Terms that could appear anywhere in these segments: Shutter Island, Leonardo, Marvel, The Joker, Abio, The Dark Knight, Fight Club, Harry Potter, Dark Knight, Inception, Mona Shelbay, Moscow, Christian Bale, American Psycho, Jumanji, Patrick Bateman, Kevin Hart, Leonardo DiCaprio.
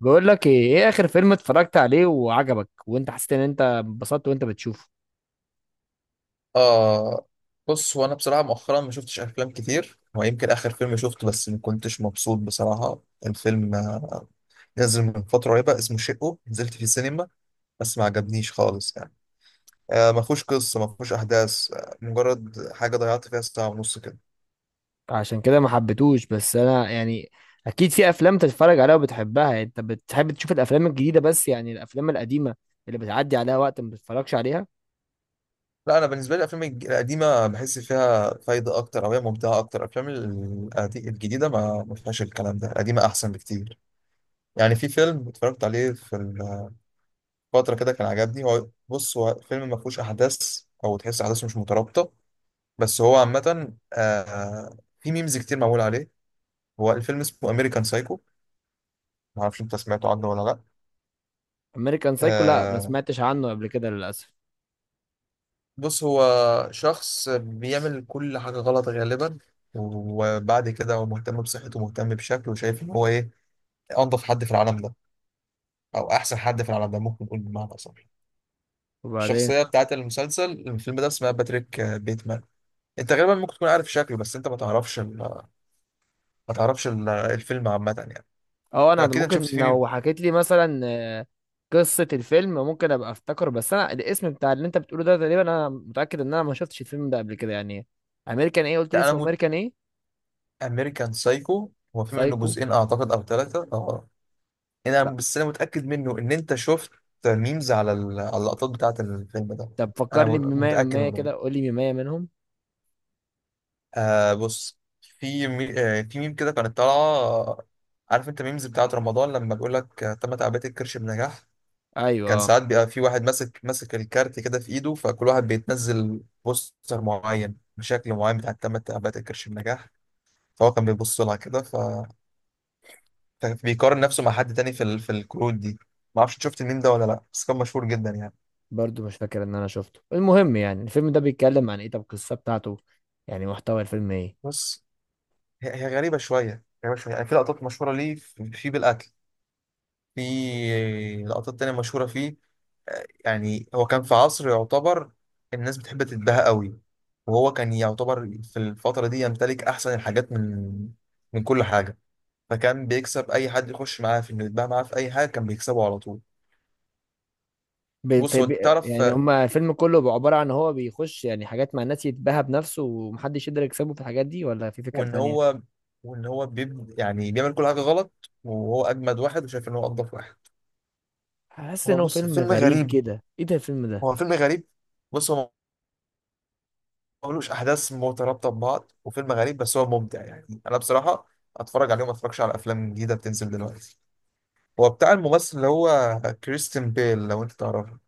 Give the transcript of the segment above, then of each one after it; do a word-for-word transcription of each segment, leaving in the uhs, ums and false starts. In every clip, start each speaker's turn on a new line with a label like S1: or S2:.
S1: بقول لك ايه ايه اخر فيلم اتفرجت عليه وعجبك وانت حسيت ان انت انبسطت وانت بتشوفه.
S2: آه. بص، هو أنا بصراحة مؤخرا ما شفتش أفلام كتير. هو يمكن آخر فيلم شفته، بس ما كنتش مبسوط بصراحة. الفيلم آه، نزل من فترة قريبة، اسمه شقه، نزلت في السينما، بس ما عجبنيش خالص يعني. آه ما فيهوش قصة، ما فيهوش أحداث، آه مجرد حاجة ضيعت فيها ساعة ونص كده.
S1: عشان كده ما حبيتهوش، بس انا يعني اكيد في افلام تتفرج عليها وبتحبها، يعني انت بتحب تشوف الافلام الجديده، بس يعني الافلام القديمه اللي بتعدي عليها وقت ما بتتفرجش عليها.
S2: لا، أنا بالنسبة لي الأفلام الج- القديمة بحس فيها فايدة أكتر، أو هي ممتعة أكتر. الأفلام ال- القدي- الجديدة ما ما فيهاش الكلام ده، القديمة أحسن بكتير. يعني في فيلم اتفرجت عليه في فترة كده كان عجبني. هو بص، هو فيلم ما فيهوش أحداث، أو تحس أحداثه مش مترابطة، بس هو عامة، آه في ميمز كتير معمول عليه. هو الفيلم اسمه أمريكان سايكو. ما اعرفش انت سمعته عنه ولا لا.
S1: امريكان سايكو، لا ما
S2: آه.
S1: سمعتش عنه قبل كده للاسف.
S2: بص، هو شخص بيعمل كل حاجة غلط غالبا، وبعد كده هو مهتم بصحته ومهتم بشكله، وشايف ان هو ايه، انضف حد في العالم ده، او احسن حد في العالم ده، ممكن نقول بمعنى اصح.
S1: وبعدين
S2: الشخصية بتاعت المسلسل، الفيلم ده، اسمها باتريك آه، بيتمان. انت غالبا ممكن تكون عارف شكله، بس انت ما تعرفش، ما تعرفش ال- الفيلم عامة يعني.
S1: اه انا
S2: أكيد أنت شفت
S1: ممكن
S2: فيه
S1: لو
S2: مين؟
S1: حكيت لي مثلا آه، قصه الفيلم ممكن ابقى افتكر، بس انا الاسم بتاع اللي انت بتقوله ده تقريبا انا متاكد ان انا ما شفتش الفيلم ده قبل كده يعني. امريكان ايه؟ قلت لي
S2: ده أنا
S1: اسمه
S2: موت.
S1: امريكان ايه؟
S2: أمريكان سايكو، هو في منه
S1: سايكو.
S2: جزئين أعتقد أو ثلاثة أه أنا
S1: لا،
S2: بس أنا متأكد منه إن أنت شفت ميمز على ال- على اللقطات بتاعة الفيلم ده.
S1: طب
S2: أنا
S1: فكرني
S2: م-
S1: بمية من
S2: متأكد
S1: مية
S2: من ده.
S1: كده، قول لي مية منهم.
S2: آه، بص. في مي... آه في ميم كده كانت طالعة آه، عارف أنت ميمز بتاعة رمضان لما بيقول لك آه، تم تعبئة الكرش بنجاح.
S1: ايوه
S2: كان
S1: آه.
S2: ساعات بيبقى في واحد ماسك ماسك الكارت كده في إيده، فكل واحد بيتنزل بوستر معين بشكل معين بتاع تم تعبئة الكرش بنجاح. فهو كان بيبص لها كده، ف كان بيقارن نفسه مع حد تاني في ال... في الكروت دي. ما اعرفش شفت الميم ده ولا لا، بس كان مشهور جدا يعني.
S1: برضو مش فاكر ان انا شفته. المهم يعني الفيلم ده بيتكلم عن ايه؟ طب القصة بتاعته يعني محتوى الفيلم ايه؟
S2: بس هي, هي غريبة شوية، غريبة شوية، يعني في لقطات مشهورة ليه في في بالأكل، في لقطات تانية مشهورة فيه. آه، يعني هو كان في عصر يعتبر الناس بتحب تتباهى قوي، وهو كان يعتبر في الفترة دي يمتلك أحسن الحاجات من من كل حاجة. فكان بيكسب أي حد يخش معاه في إنه يتباهى معاه في أي حاجة، كان بيكسبه على طول.
S1: بي
S2: بص
S1: في
S2: هو،
S1: بي.
S2: أنت تعرف،
S1: يعني هما الفيلم كله بيبقى عبارة عن هو بيخش يعني حاجات مع الناس يتباهى بنفسه ومحدش يقدر يكسبه في الحاجات دي، ولا في فكرة
S2: وان
S1: تانية؟
S2: هو وان هو بيب يعني بيعمل كل حاجه غلط، وهو اجمد واحد وشايف ان هو انضف واحد.
S1: حاسس
S2: هو
S1: ان هو
S2: بص،
S1: فيلم
S2: فيلم
S1: غريب
S2: غريب.
S1: كده. ايه ده الفيلم ده؟
S2: هو فيلم غريب. بص هو ملوش احداث مترابطه ببعض، وفيلم غريب، بس هو ممتع يعني. انا بصراحه اتفرج عليه وما اتفرجش على افلام جديده بتنزل دلوقتي. هو بتاع الممثل اللي هو كريستين بيل، لو انت تعرفه.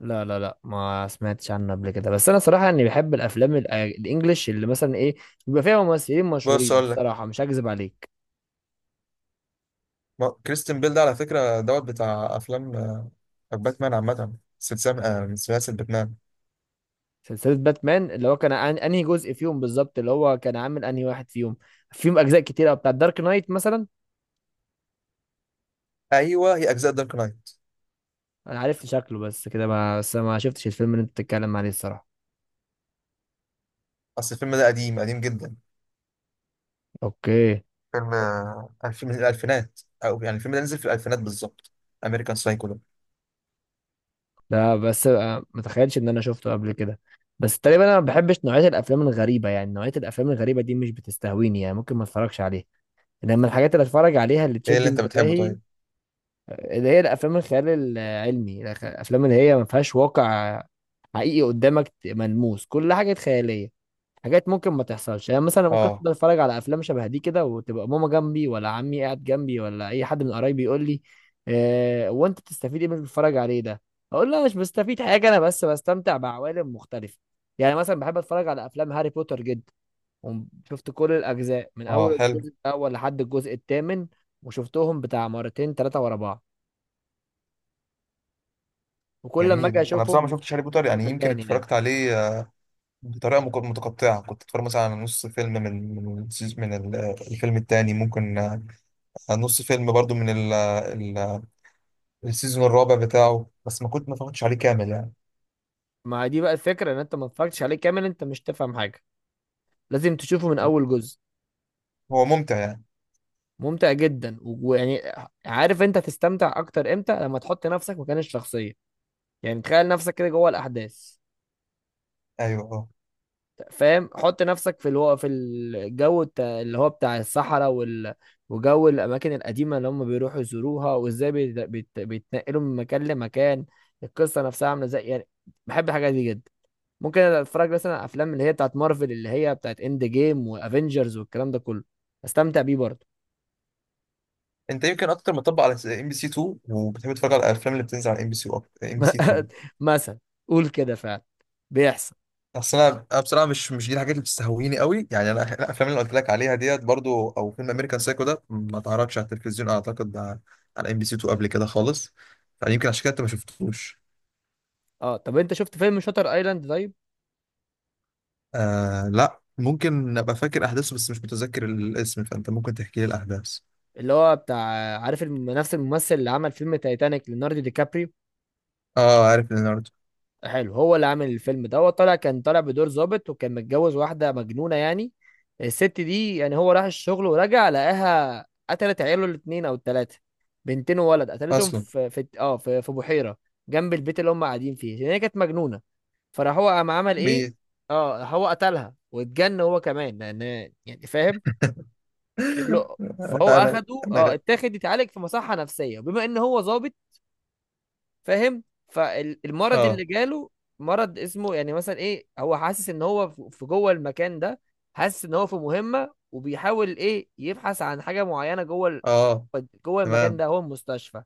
S1: لا لا لا، ما سمعتش عنه قبل كده. بس انا صراحة اني بحب الافلام الأ- الانجليش، اللي مثلا ايه، بيبقى فيها ممثلين
S2: بص
S1: مشهورين.
S2: اقول لك،
S1: الصراحة مش هكذب عليك.
S2: ما- كريستين بيل ده على فكره دوت بتاع افلام آه، باتمان عامه، سلسله آه، من سلاسل باتمان.
S1: سلسلة باتمان اللي هو كان عن... انهي جزء فيهم بالظبط اللي هو كان عامل؟ انهي واحد فيهم؟ فيهم اجزاء كتير قوي، بتاع دارك نايت مثلا.
S2: ايوه، هي اجزاء دارك نايت.
S1: انا عرفت شكله بس كده، ما بس ما شفتش الفيلم اللي انت بتتكلم عليه الصراحة.
S2: اصل الفيلم ده قديم قديم جدا.
S1: اوكي.
S2: فيلم الفيلم من الألفينات، أو يعني الفيلم ده نزل في الألفينات بالظبط، أمريكان سايكو ده.
S1: لا بس آه، ما تخيلش ان انا شفته قبل كده. بس تقريبا انا ما بحبش نوعية الافلام الغريبة، يعني نوعية الافلام الغريبة دي مش بتستهويني، يعني ممكن ما اتفرجش عليها لما الحاجات اللي اتفرج عليها اللي
S2: إيه
S1: تشد
S2: اللي أنت بتحبه
S1: انتباهي.
S2: طيب؟
S1: آه، اللي هي الافلام الخيال العلمي، الافلام اللي هي ما فيهاش واقع حقيقي قدامك ملموس، كل حاجة خيالية، حاجات ممكن ما تحصلش. يعني مثلا ممكن
S2: آه.
S1: افضل اتفرج على افلام شبه دي كده، وتبقى ماما جنبي، ولا عمي قاعد جنبي، ولا اي حد من قرايبي يقول لي: آه وانت بتستفيد ايه من اللي بتتفرج عليه ده؟ اقول له مش بستفيد حاجه، انا بس بستمتع بعوالم مختلفه. يعني مثلا بحب اتفرج على افلام هاري بوتر جدا، وشفت كل الاجزاء من
S2: آه،
S1: اول
S2: حلو.
S1: الجزء الاول لحد الجزء الثامن، وشفتهم بتاع مرتين ثلاثه ورا بعض وكل ما اجي
S2: جميل. أنا بصراحة ما
S1: اشوفهم
S2: شفتش هاري بوتر،
S1: انا
S2: يعني يمكن
S1: ملان يعني.
S2: اتفرجت عليه آه، بطريقة مك- متقطعة. كنت اتفرج مثلا على نص فيلم من من السيز- من ال- آه، الفيلم التاني ممكن آه، على نص فيلم برضو من ال- آه، ال- آه، السيزون الرابع بتاعه، بس ما كنت ما اتفرجتش عليه كامل يعني.
S1: ما دي بقى الفكره، ان انت ما اتفرجتش عليه كامل انت مش تفهم حاجه، لازم تشوفه من اول جزء.
S2: هو ممتع يعني.
S1: ممتع جدا. ويعني عارف انت هتستمتع اكتر امتى؟ لما تحط نفسك مكان الشخصيه، يعني تخيل نفسك كده جوه الاحداث،
S2: ايوه، اه.
S1: فاهم؟ حط نفسك في الو... في الجو بتاع اللي هو بتاع الصحراء وال... وجو الاماكن القديمه اللي هم بيروحوا يزوروها، وازاي بيت... بيت... بيتنقلوا من مكان لمكان، القصه نفسها عامله ازاي يعني. بحب الحاجات دي جدا. ممكن اتفرج مثلا على افلام اللي هي بتاعت مارفل، اللي هي بتاعت اند جيم وافنجرز والكلام ده كله، استمتع بيه برضه.
S2: انت يمكن اكتر مطبق على ام بي سي اتنين، وبتحب تتفرج على الافلام اللي بتنزل على ام بي سي، ام بي سي اتنين.
S1: مثلا، قول كده فعلا بيحصل.
S2: اصل انا أنا بصراحه مش مش دي الحاجات اللي بتستهويني قوي يعني. انا الافلام اللي قلت لك عليها ديت برضو، او فيلم امريكان سايكو ده، ما اتعرضش على التلفزيون اعتقد، على ام بي سي تو قبل كده خالص. فيمكن عشان كده انت ما شفتوش.
S1: اه طب انت شفت فيلم شاتر ايلاند؟ طيب
S2: آه. لا، ممكن ابقى فاكر احداثه، بس مش متذكر الاسم، فانت ممكن تحكي لي الاحداث.
S1: اللي هو بتاع، عارف الم- نفس الممثل اللي عمل فيلم تايتانيك، ليوناردو دي كابريو.
S2: اه، عارف ليوناردو.
S1: حلو، هو اللي عامل الفيلم ده. هو طالع، كان طالع بدور ظابط، وكان متجوز واحده مجنونه يعني، الست دي. يعني هو راح الشغل ورجع لقاها قتلت عياله الاثنين او الثلاثه، بنتين وولد، قتلتهم
S2: اصلا
S1: في في اه في, في بحيره جنب البيت اللي هم قاعدين فيه، لان هي كانت مجنونه. فراح هو قام عمل ايه؟
S2: مين؟
S1: اه هو قتلها واتجن هو كمان، لان يعني فاهم كله. فهو
S2: لا انا.
S1: اخده
S2: انا
S1: اه
S2: غ...
S1: اتاخد يتعالج في مصحة نفسية. وبما ان هو ظابط فاهم، فالمرض
S2: اه.
S1: اللي جاله، مرض اسمه يعني مثلا ايه، هو حاسس ان هو في في جوه المكان ده، حاسس ان هو في مهمة، وبيحاول ايه، يبحث عن حاجة معينة جوه ال-
S2: اه.
S1: جوه المكان
S2: تمام.
S1: ده هو المستشفى.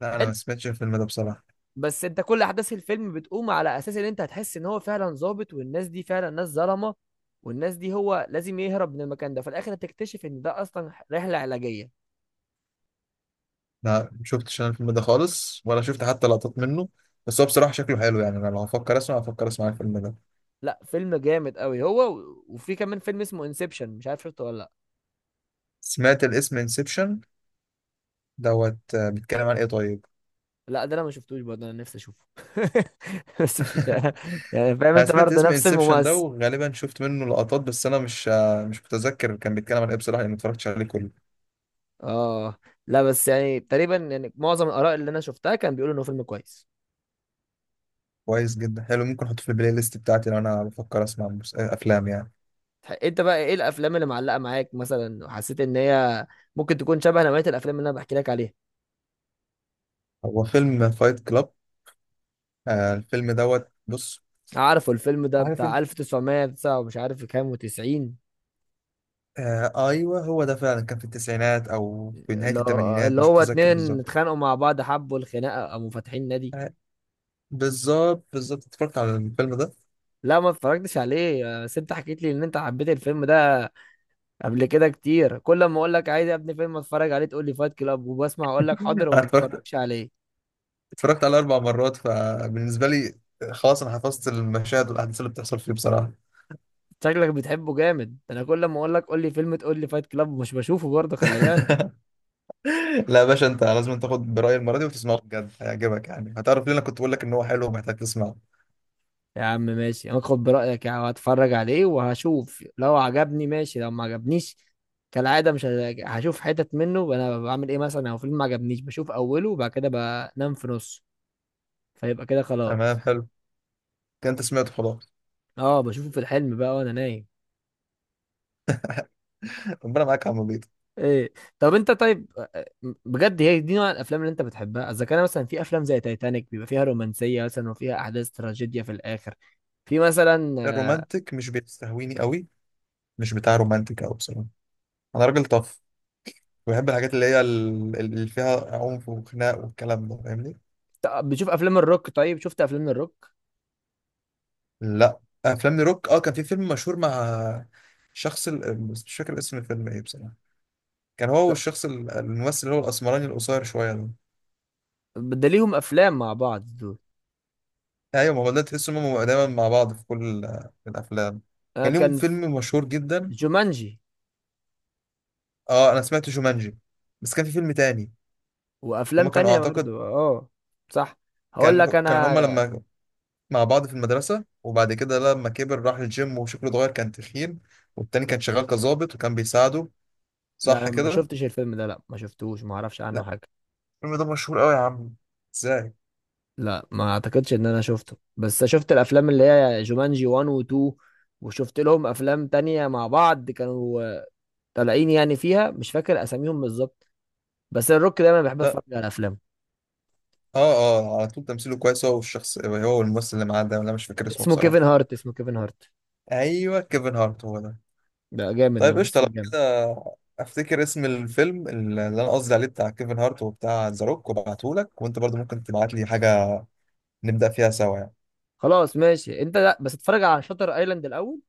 S2: لا، انا
S1: حلو.
S2: ما سمعتش الفيلم ده بصراحه.
S1: بس انت كل احداث الفيلم بتقوم على اساس ان انت هتحس ان هو فعلا ظابط، والناس دي فعلا ناس ظلمه، والناس دي هو لازم يهرب من المكان ده. في الاخر هتكتشف ان ده اصلا رحله علاجيه.
S2: لا شفتش انا الفيلم ده خالص، ولا شفت حتى لقطات منه، بس هو بصراحة شكله حلو. يعني انا لو هفكر اسمع، هفكر اسمع الفيلم ده.
S1: لا، فيلم جامد قوي هو. و- وفي كمان فيلم اسمه انسبشن، مش عارف شفته ولا لا.
S2: سمعت الاسم انسبشن دوت آه، بيتكلم عن ايه طيب؟
S1: لا ده انا ما شفتوش برضه، انا نفسي اشوفه. بس مش، يعني فاهم،
S2: انا
S1: انت
S2: سمعت
S1: برضه
S2: اسم
S1: نفس
S2: انسبشن ده،
S1: الممثل.
S2: وغالبا شفت منه لقطات، بس انا مش آه، مش متذكر كان بيتكلم عن ايه بصراحة، لان ما اتفرجتش عليه كله.
S1: اه لا بس يعني تقريبا، يعني معظم الاراء اللي انا شفتها كان بيقولوا انه فيلم كويس.
S2: كويس جدا، حلو. ممكن احطه في البلاي ليست بتاعتي، لو انا بفكر اسمع مس- آه، افلام يعني.
S1: تح- انت بقى ايه الافلام اللي معلقه معاك مثلا وحسيت ان هي ممكن تكون شبه نوعيه الافلام اللي انا بحكي لك عليها؟
S2: هو فيلم فايت كلاب آه، الفيلم دوت. بص.
S1: عارفه الفيلم ده
S2: عارف
S1: بتاع
S2: انت.
S1: الف وتسعمية وتسعة ومش عارف كام و90،
S2: آه، ايوه، هو ده فعلا كان في التسعينات او في نهايه
S1: اللي هو
S2: الثمانينات،
S1: اللي
S2: مش
S1: هو
S2: متذكر
S1: اتنين
S2: بالظبط.
S1: اتخانقوا مع بعض، حبوا الخناقه، قاموا فاتحين نادي.
S2: بالظبط، بالظبط، اتفرجت على الفيلم ده.
S1: لا ما اتفرجتش عليه، بس انت حكيت لي ان انت حبيت الفيلم ده قبل كده كتير، كل ما اقول لك عايز يا ابني فيلم اتفرج عليه تقول لي فايت كلاب، وبسمع اقول لك حاضر
S2: انا
S1: وما
S2: اتفرجت
S1: بتفرجش عليه.
S2: اتفرجت عليه اربع مرات، فبالنسبه لي، خلاص، انا حفظت المشاهد والاحداث اللي بتحصل فيه بصراحه.
S1: شكلك بتحبه جامد ده، انا كل ما اقول لك قول لي فيلم تقول لي فايت كلاب، مش بشوفه برضه خلي بالك.
S2: لا يا باشا، انت لازم تاخد برايي المره دي، وتسمعه بجد، هيعجبك. يعني هتعرف ليه انا كنت بقول لك ان هو حلو، ومحتاج تسمعه.
S1: يا عم ماشي، هاخد برأيك يعني، هتفرج عليه وهشوف لو عجبني ماشي لو ما عجبنيش. كالعادة مش هج- هشوف حتت منه. انا بعمل ايه مثلا لو فيلم ما عجبنيش؟ بشوف اوله وبعد كده بنام في نصه، فيبقى كده
S2: تمام،
S1: خلاص.
S2: حلو. كده انت سمعته خلاص.
S1: اه بشوفه في الحلم بقى وانا نايم.
S2: ربنا معاك يا عم بيض.
S1: ايه؟ طب انت طيب، بجد هي دي نوع الافلام اللي انت بتحبها؟ اذا كان مثلا في افلام زي تايتانيك، بيبقى فيها رومانسية مثلا، وفيها احداث تراجيديا في الاخر، في مثلا.
S2: الرومانتك مش بيستهويني قوي، مش بتاع رومانتك قوي بصراحه. انا راجل طف. بحب الحاجات اللي هي ال- اللي فيها عنف وخناق والكلام ده، فاهمني.
S1: بتشوف افلام الروك؟ طيب شفت افلام الروك؟
S2: لا، افلام لروك. اه، كان في فيلم مشهور مع شخص ال... بس مش فاكر اسم الفيلم ايه بصراحه. كان هو والشخص ال- الممثل اللي هو الاسمراني القصير شويه ده.
S1: ده ليهم افلام مع بعض.
S2: ايوه، ما هو ده تحس انهم دايما مع بعض في كل ال- الافلام.
S1: آه،
S2: كان ليهم
S1: كان في
S2: فيلم مشهور جدا.
S1: جومانجي،
S2: اه، انا سمعت جومانجي، بس كان في فيلم تاني.
S1: وافلام
S2: هما كانوا
S1: تانية
S2: اعتقد.
S1: برضو اه. صح، هقول لك
S2: كان كان هما
S1: انا.
S2: لما مع بعض في المدرسه، وبعد كده لما كبر راح الجيم وشكله اتغير، كان تخين، والتاني كان شغال كظابط وكان بيساعده.
S1: لا
S2: صح
S1: انا ما
S2: كده؟
S1: شفتش الفيلم ده، لا ما شفتوش، ما اعرفش عنه
S2: لا،
S1: حاجة.
S2: الفيلم ده مشهور قوي يا عم. ازاي.
S1: لا ما اعتقدش ان انا شفته، بس شفت الافلام اللي هي جومانجي واحد و اتنين، وشفت لهم افلام تانية مع بعض، كانوا طالعين يعني فيها، مش فاكر اساميهم بالظبط. بس الروك دايما بيحب اتفرج على افلام.
S2: اه، اه، على طول تمثيله كويس، هو والشخص، هو والممثل اللي معاه ده، ولا مش فاكر اسمه
S1: اسمه
S2: بصراحة.
S1: كيفن هارت، اسمه كيفن هارت.
S2: ايوه، كيفن هارت هو ده.
S1: ده جامد من
S2: طيب قشطة،
S1: مصر،
S2: لو
S1: جامد.
S2: كده افتكر اسم الفيلم اللي انا قصدي عليه بتاع كيفن هارت وبتاع ذا روك، وابعتهولك. وانت برضو ممكن تبعت لي حاجة، نبدأ فيها سوا يعني.
S1: خلاص ماشي انت، لا بس اتفرج على شاتر ايلاند الاول،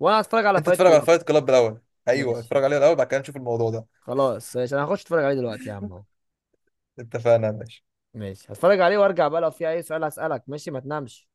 S1: وانا هتفرج على
S2: انت
S1: فايت
S2: اتفرج على
S1: كلاب.
S2: فايت كلاب الاول. ايوه،
S1: ماشي
S2: اتفرج عليه الاول، بعد كده نشوف الموضوع ده.
S1: خلاص، ماشي انا هخش اتفرج عليه دلوقتي يا عم اهو.
S2: اتفقنا يا باشا.
S1: ماشي هتفرج عليه وارجع بقى، لو في اي سؤال هسألك ماشي؟ ما تنامش.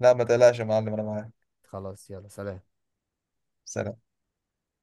S2: لا ما تقلقش يا معلم، انا معاك.
S1: خلاص يلا سلام.
S2: سلام.